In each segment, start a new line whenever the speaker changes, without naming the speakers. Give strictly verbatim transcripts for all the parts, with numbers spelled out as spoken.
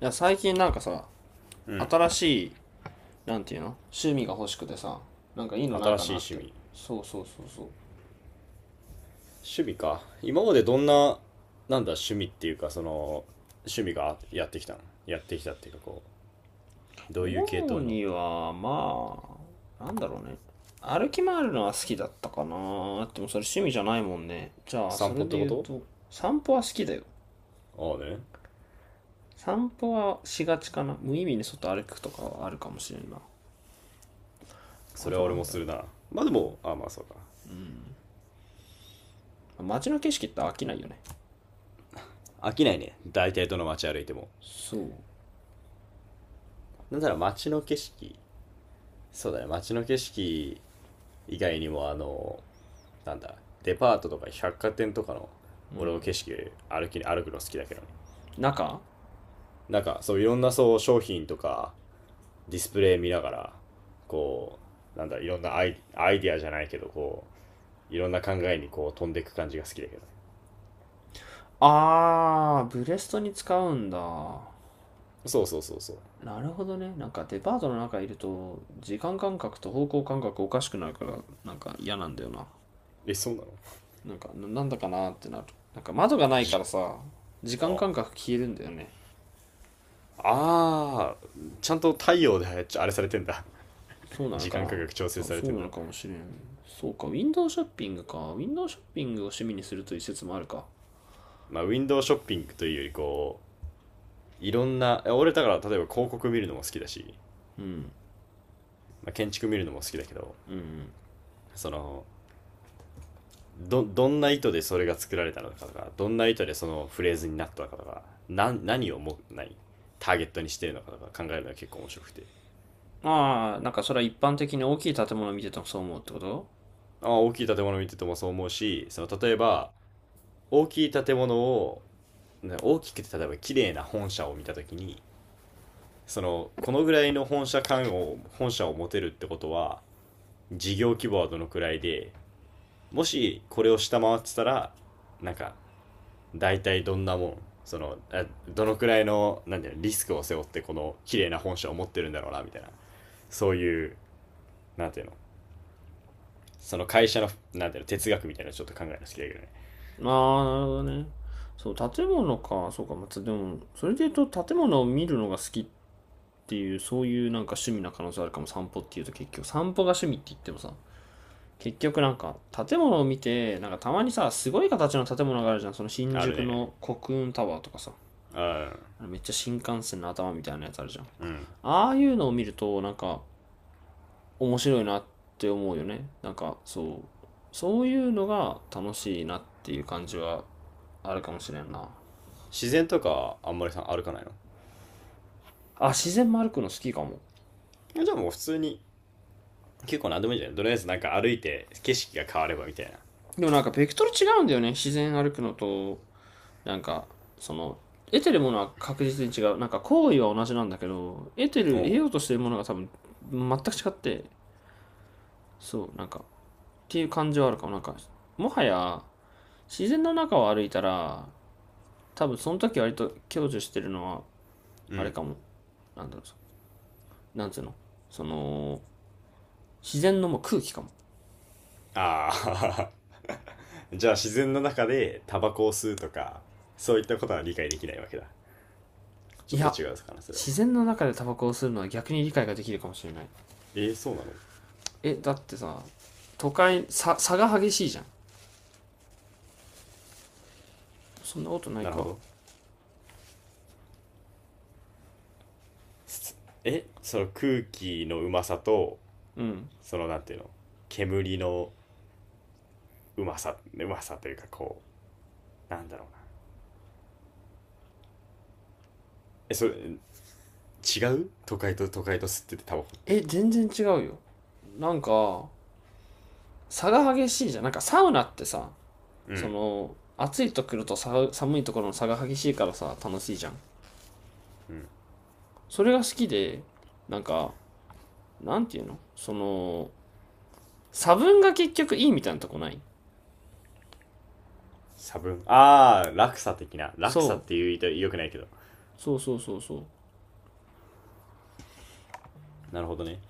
いや最近なんかさ
うん。
新しいなんていうの趣味が欲しくてさ、なんかいいのない
新
か
し
なっ
い趣
て。
味。
そうそうそうそう。
趣味か。今までどんな、なんだ、趣味っていうか、その、趣味がやってきたのやってきたっていうか、こう、どういう系
主
統の。
にはまあなんだろうね、歩き回るのは好きだったかな。でもそれ趣味じゃないもんね。じゃあそ
散
れ
歩っ
で
てこ
言う
と？
と、散歩は好きだよ。
ああね。
散歩はしがちかな。無意味に外歩くとかはあるかもしれんな。
そ
あ
れ
と
は
な
俺
ん
も
だろ
するな。まあでも、ああまあそうか。
う街の景色って飽きないよね。
飽きないね。大体どの街歩いても。
そう。
なんだろう、街の景色。そうだね、街の景色以外にも、あの、なんだ、デパートとか百貨店とかの、俺の景色、歩き、歩くの好きだけどね。
中、
なんか、そう、いろんなそう、商品とか、ディスプレイ見ながら、こう、なんだ、いろんなアイアイディアじゃないけど、こう、いろんな考えにこう飛んでいく感じが好きだけどね。
あーブレストに使うんだ。
そうそうそうそう。
なるほどね。なんかデパートの中いると、時間感覚と方向感覚おかしくなるから、なんか嫌なんだよな。
え、そうなの？
なんか、ななんだかなってなる。なんか窓がない
じ、
からさ、時間
あ、
感覚消えるんだよね。
あちゃんと太陽であれされてんだ。
そう なの
時
か
間
な。
価格調整
そう
され
そ
て
う
ん
な
だ。
のかもしれん。そうか、ウィンドウショッピングか。ウィンドウショッピングを趣味にするという説もあるか。
まあ、ウィンドウショッピングというより、こう、いろんな、俺だから例えば広告見るのも好きだし、まあ、建築見るのも好きだけど、その、ど、どんな意図でそれが作られたのかとか、どんな意図でそのフレーズになったのかとか、な、何をも、いターゲットにしてるのかとか考えるのが結構面白くて。
ああ、なんかそれは一般的に大きい建物を見ててもそう思うってこと？
あ、大きい建物見ててもそう思うし、その、例えば、大きい建物を、ね、大きくて例えば綺麗な本社を見たときに、その、このぐらいの本社感を、本社を持てるってことは、事業規模はどのくらいで、もしこれを下回ってたら、なんか、大体どんなもん、その、どのくらいのなんていうの、リスクを背負ってこの綺麗な本社を持ってるんだろうなみたいな、そういう、なんていうの、その会社のなんていうの、哲学みたいなのちょっと考えるの好きだけどね。
ああ、なるほどね。そう、建物か。そうか、まあつでも、それで言うと建物を見るのが好きっっていう、そういうなんか趣味な可能性あるかも。散歩っていうと結局、散歩が趣味って言ってもさ、結局なんか建物を見て、なんかたまにさ、すごい形の建物があるじゃん。その新
ある
宿
ね。
の国運タワーとかさ、
うん。
めっちゃ新幹線の頭みたいなやつあるじゃん。
うん。
ああいうのを見ると、なんか面白いなって思うよね。なんかそう、そういうのが楽しいなっていう感じはあるかもしれんな。
自然とかあんまりさ歩かないの？
あ、自然も歩くの好きかも。
じゃあもう普通に、結構何でもいいんじゃない、とりあえずなんか歩いて景色が変わればみたい
でもなんかベクトル違うんだよね。自然歩くのと、なんか、その、得てるものは確実に違う。なんか行為は同じなんだけど、得て
な。
る
お
得
う
ようとしてるものが多分全く違って、そうなんかっていう感じはあるかも。なんかもはや自然の中を歩いたら、多分その時割と享受してるのは、
う
あれ
ん。
かも、なんだろうなんつうのその、自然のもう空気かも。
ああ。 じゃあ自然の中でタバコを吸うとか、そういったことは理解できないわけだ。ち
い
ょっと
や、
違うかなそれは。
自然の中でタバコを吸うのは逆に理解ができるかもしれない。
えー、そうなの？
えだってさ、都会さ差が激しいじゃん。そんなことない
なるほ
か。
ど。え、その空気のうまさと、そのなんていうの、煙のうまさ、うまさというかこう、なんだろうな。え、それ、違う、都会と都会と吸っててタバコっ
え、
て。
全然違うよ。なんか差が激しいじゃん。なんかサウナってさ、
う
そ
ん。
の暑いところとさ寒いところの差が激しいからさ楽しいじゃん。それが好きで、なんか、なんていうの、その差分が結局いいみたいなとこない？
差分。あー、落差的な。
そ
落差っ
う
て言うと良くないけど。
そうそうそうそう。
なるほどね。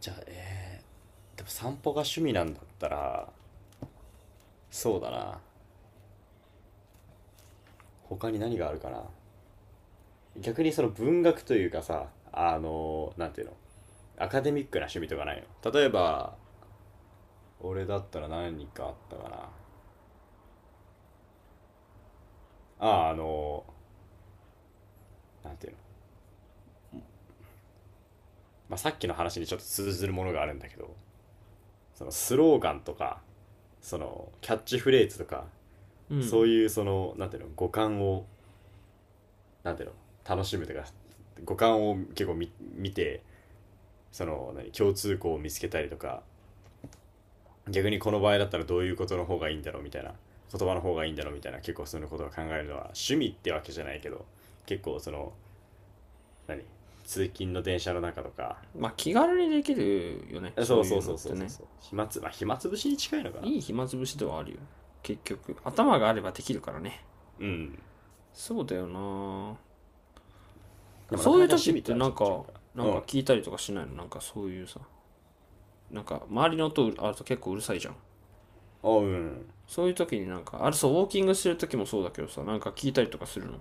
じゃあ、えー、でも散歩が趣味なんだったら、そうだな。他に何があるかな。逆にその文学というかさ、あの、なんていうの、アカデミックな趣味とかないの、例えば。俺だったら何かあったかな。あ、あ、あの、なんていうの。まあ、さっきの話にちょっと通ずるものがあるんだけど、そのスローガンとか、そのキャッチフレーズとか、そういうその、なんていうの、五感を、なんていうの、楽しむというか、五感を結構み見て、その、何、共通項を見つけたりとか、逆にこの場合だったらどういうことの方がいいんだろうみたいな、言葉の方がいいんだろうみたいな、結構そういうことを考えるのは、趣味ってわけじゃないけど、結構その、何、通勤の電車の中とか。
まあ気軽にできるよね、そ
そ
う
う
い
そ
う
う
のっ
そうそ
て
うそう
ね。
そう。暇つ、まあ、暇つぶしに近いのかな。
いい暇つぶしではあるよ。結局頭があればできるからね。
うん。
そうだよな。
でもな
そ
か
うい
な
う
か
時
趣
っ
味
て
とは
な
ち
ん
ょっと違う
か、
か
な
な。
ん
う
か
ん。
聞いたりとかしないの？なんかそういうさ、なんか周りの音あると結構うるさいじゃん。
おううん。
そういう時になんか、あれ、そうウォーキングしてる時もそうだけどさ、なんか聞いたりとかするの？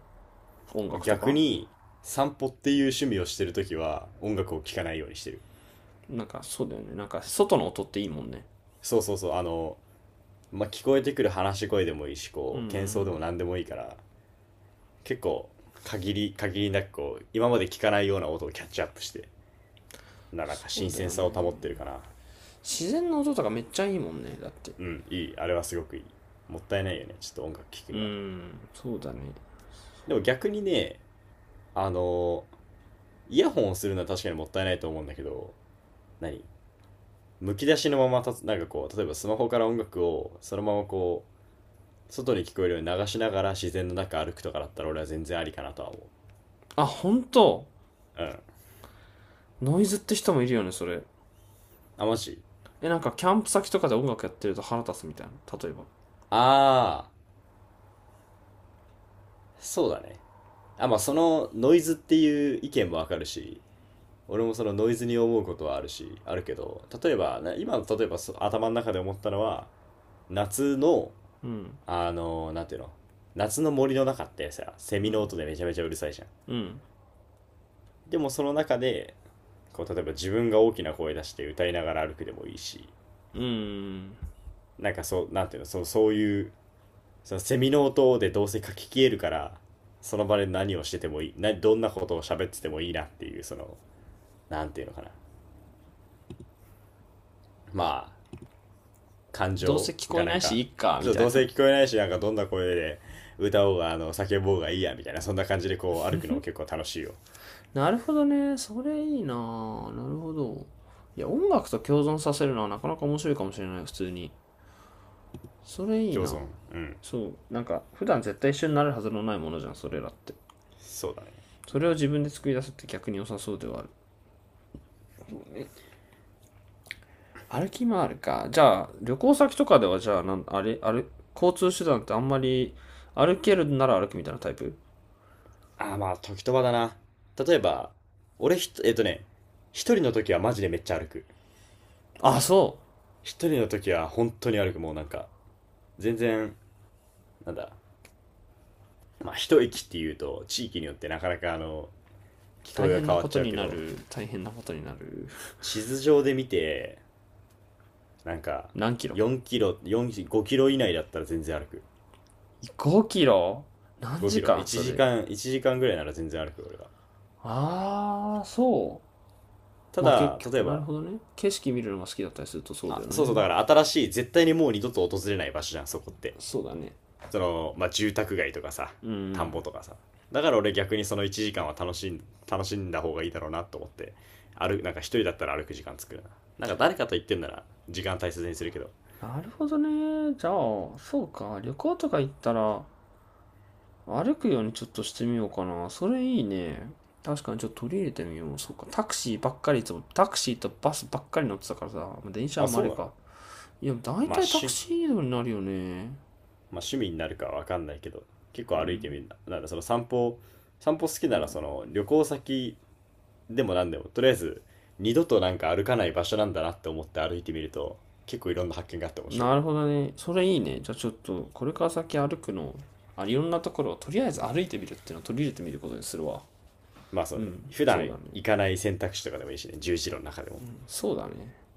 音
俺
楽と
逆
か。
に、散歩っていう趣味をしてるときは音楽を聴かないようにしてる。
なんかそうだよね、なんか外の音っていいもんね。
そうそうそう。あの、まあ、聞こえてくる話し声でもいいし、こう、喧騒でも何でもいいから、結構限り、限りなくこう、今まで聞かないような音をキャッチアップして、ななん
そ
か新
うだ
鮮
よ
さを保っ
ね、
てるかな。
自然の音とかめっちゃいいもんねだって。
うん、いい。あれはすごくいい。もったいないよね。ちょっと音楽聴く
うー
には。
んそうだね。
でも逆にね、あの、イヤホンをするのは確かにもったいないと思うんだけど、何、むき出しのままたつ、なんかこう、例えばスマホから音楽をそのままこう、外に聞こえるように流しながら自然の中歩くとかだったら俺は全然ありかなとは思
あ、本当？
う。うん。
ノイズって人もいるよね、それ。
あ、マジ？
え、なんかキャンプ先とかで音楽やってると腹立つみたいな、例えば。
ああ、そうだね。あ、まあ
そ
そのノイズっていう意見もわかるし、俺もそのノイズに思うことはあるし、あるけど、例えば、な今の例えばそ頭の中で思ったのは、夏のあの、なんていうの夏の森の中ってさ、セミの音でめちゃめちゃうるさいじゃん。でもその中で、こう、例えば自分が大きな声出して歌いながら歩くでもいいし、なんかそう、なんていうの、そう、そういう、そのセミの音でどうせ書き消えるから、その場で何をしててもいい、な、どんなことを喋っててもいいなっていう、その、なんていうのかな。まあ、感
どうせ
情
聞こ
が
え
な
な
ん
いし、
か、
いっか
ち
み
ょっと
た
ど
い
うせ
な。
聞こえないし、なんかどんな声で歌おうが、あの、叫ぼうがいいや、みたいな、そんな感じでこう歩くのも結構楽しいよ。
なるほどね。それいいなぁ。なるほど。いや、音楽と共存させるのはなかなか面白いかもしれない、普通に。それいい
共
な。
存。うん。
そう。なんか、普段絶対一緒になるはずのないものじゃん、それらって。
そうだね。
それを自分で作り出すって逆に良さそうではある。歩き回るか。じゃあ、旅行先とかでは、じゃあ、なん、あれ、あれ、交通手段ってあんまり、歩けるなら歩くみたいなタイプ？
ああ、まあ、時と場だな。例えば、俺ひと、えっとね、一人の時はマジでめっちゃ歩く。
あ、そう。
一人の時は本当に歩く。もうなんか、全然、なんだ、まあ、一駅っていうと、地域によってなかなかあの、聞
大
こえが
変
変
な
わ
こ
っ
と
ちゃう
に
け
な
ど、
る。大変なことになる。
地図上で見て、なんか、
何キロ？
よんキロ、よん、ごキロ以内だったら全然歩く。
ご キロ？何
5キ
時
ロ。
間
1
それ。
時間、いちじかんぐらいなら全然歩く、俺は。
ああ、そ
た
う。まあ結
だ、例
局、
え
なる
ば、
ほどね。景色見るのが好きだったりするとそうだ
あ、
よ
そうそう、だ
ね。
から新しい、絶対にもう二度と訪れない場所じゃん、そこって。
そうだね。
その、まあ、住宅街とかさ、
う
田ん
ん。
ぼとかさ。だから俺逆にそのいちじかんは楽しん、楽しんだ方がいいだろうなと思って、歩、なんか一人だったら歩く時間作るな。なんか誰かと言ってんなら時間大切にするけど。
なるほどね。じゃあ、そうか。旅行とか行ったら、歩くようにちょっとしてみようかな。それいいね。確かにちょっと取り入れてみよう。そうか。タクシーばっかりいつも、タクシーとバスばっかり乗ってたからさ、まあ電車は
あ、
まああ
そう
れ
な
か。
の？
いや、だい
まあ、
たいタク
し、
シー移動になるよね。
まあ、趣味になるかわかんないけど、結
う
構歩いて
ん。
みるな。なんだ、その散歩、散歩好き
そ
なら
う、
その旅行先でもなんでも、とりあえず二度となんか歩かない場所なんだなって思って歩いてみると、結構いろんな発見があって面白い
な
よ。
るほどね。それいいね。じゃあちょっと、これから先歩くの、あ、いろんなところをとりあえず歩いてみるっていうのを取り入れてみることにするわ。
まあそ
う
うね。
ん、
普
そう
段
だね。
行かない選択肢とかでもいいしね。十字路の中でも。
そうだね。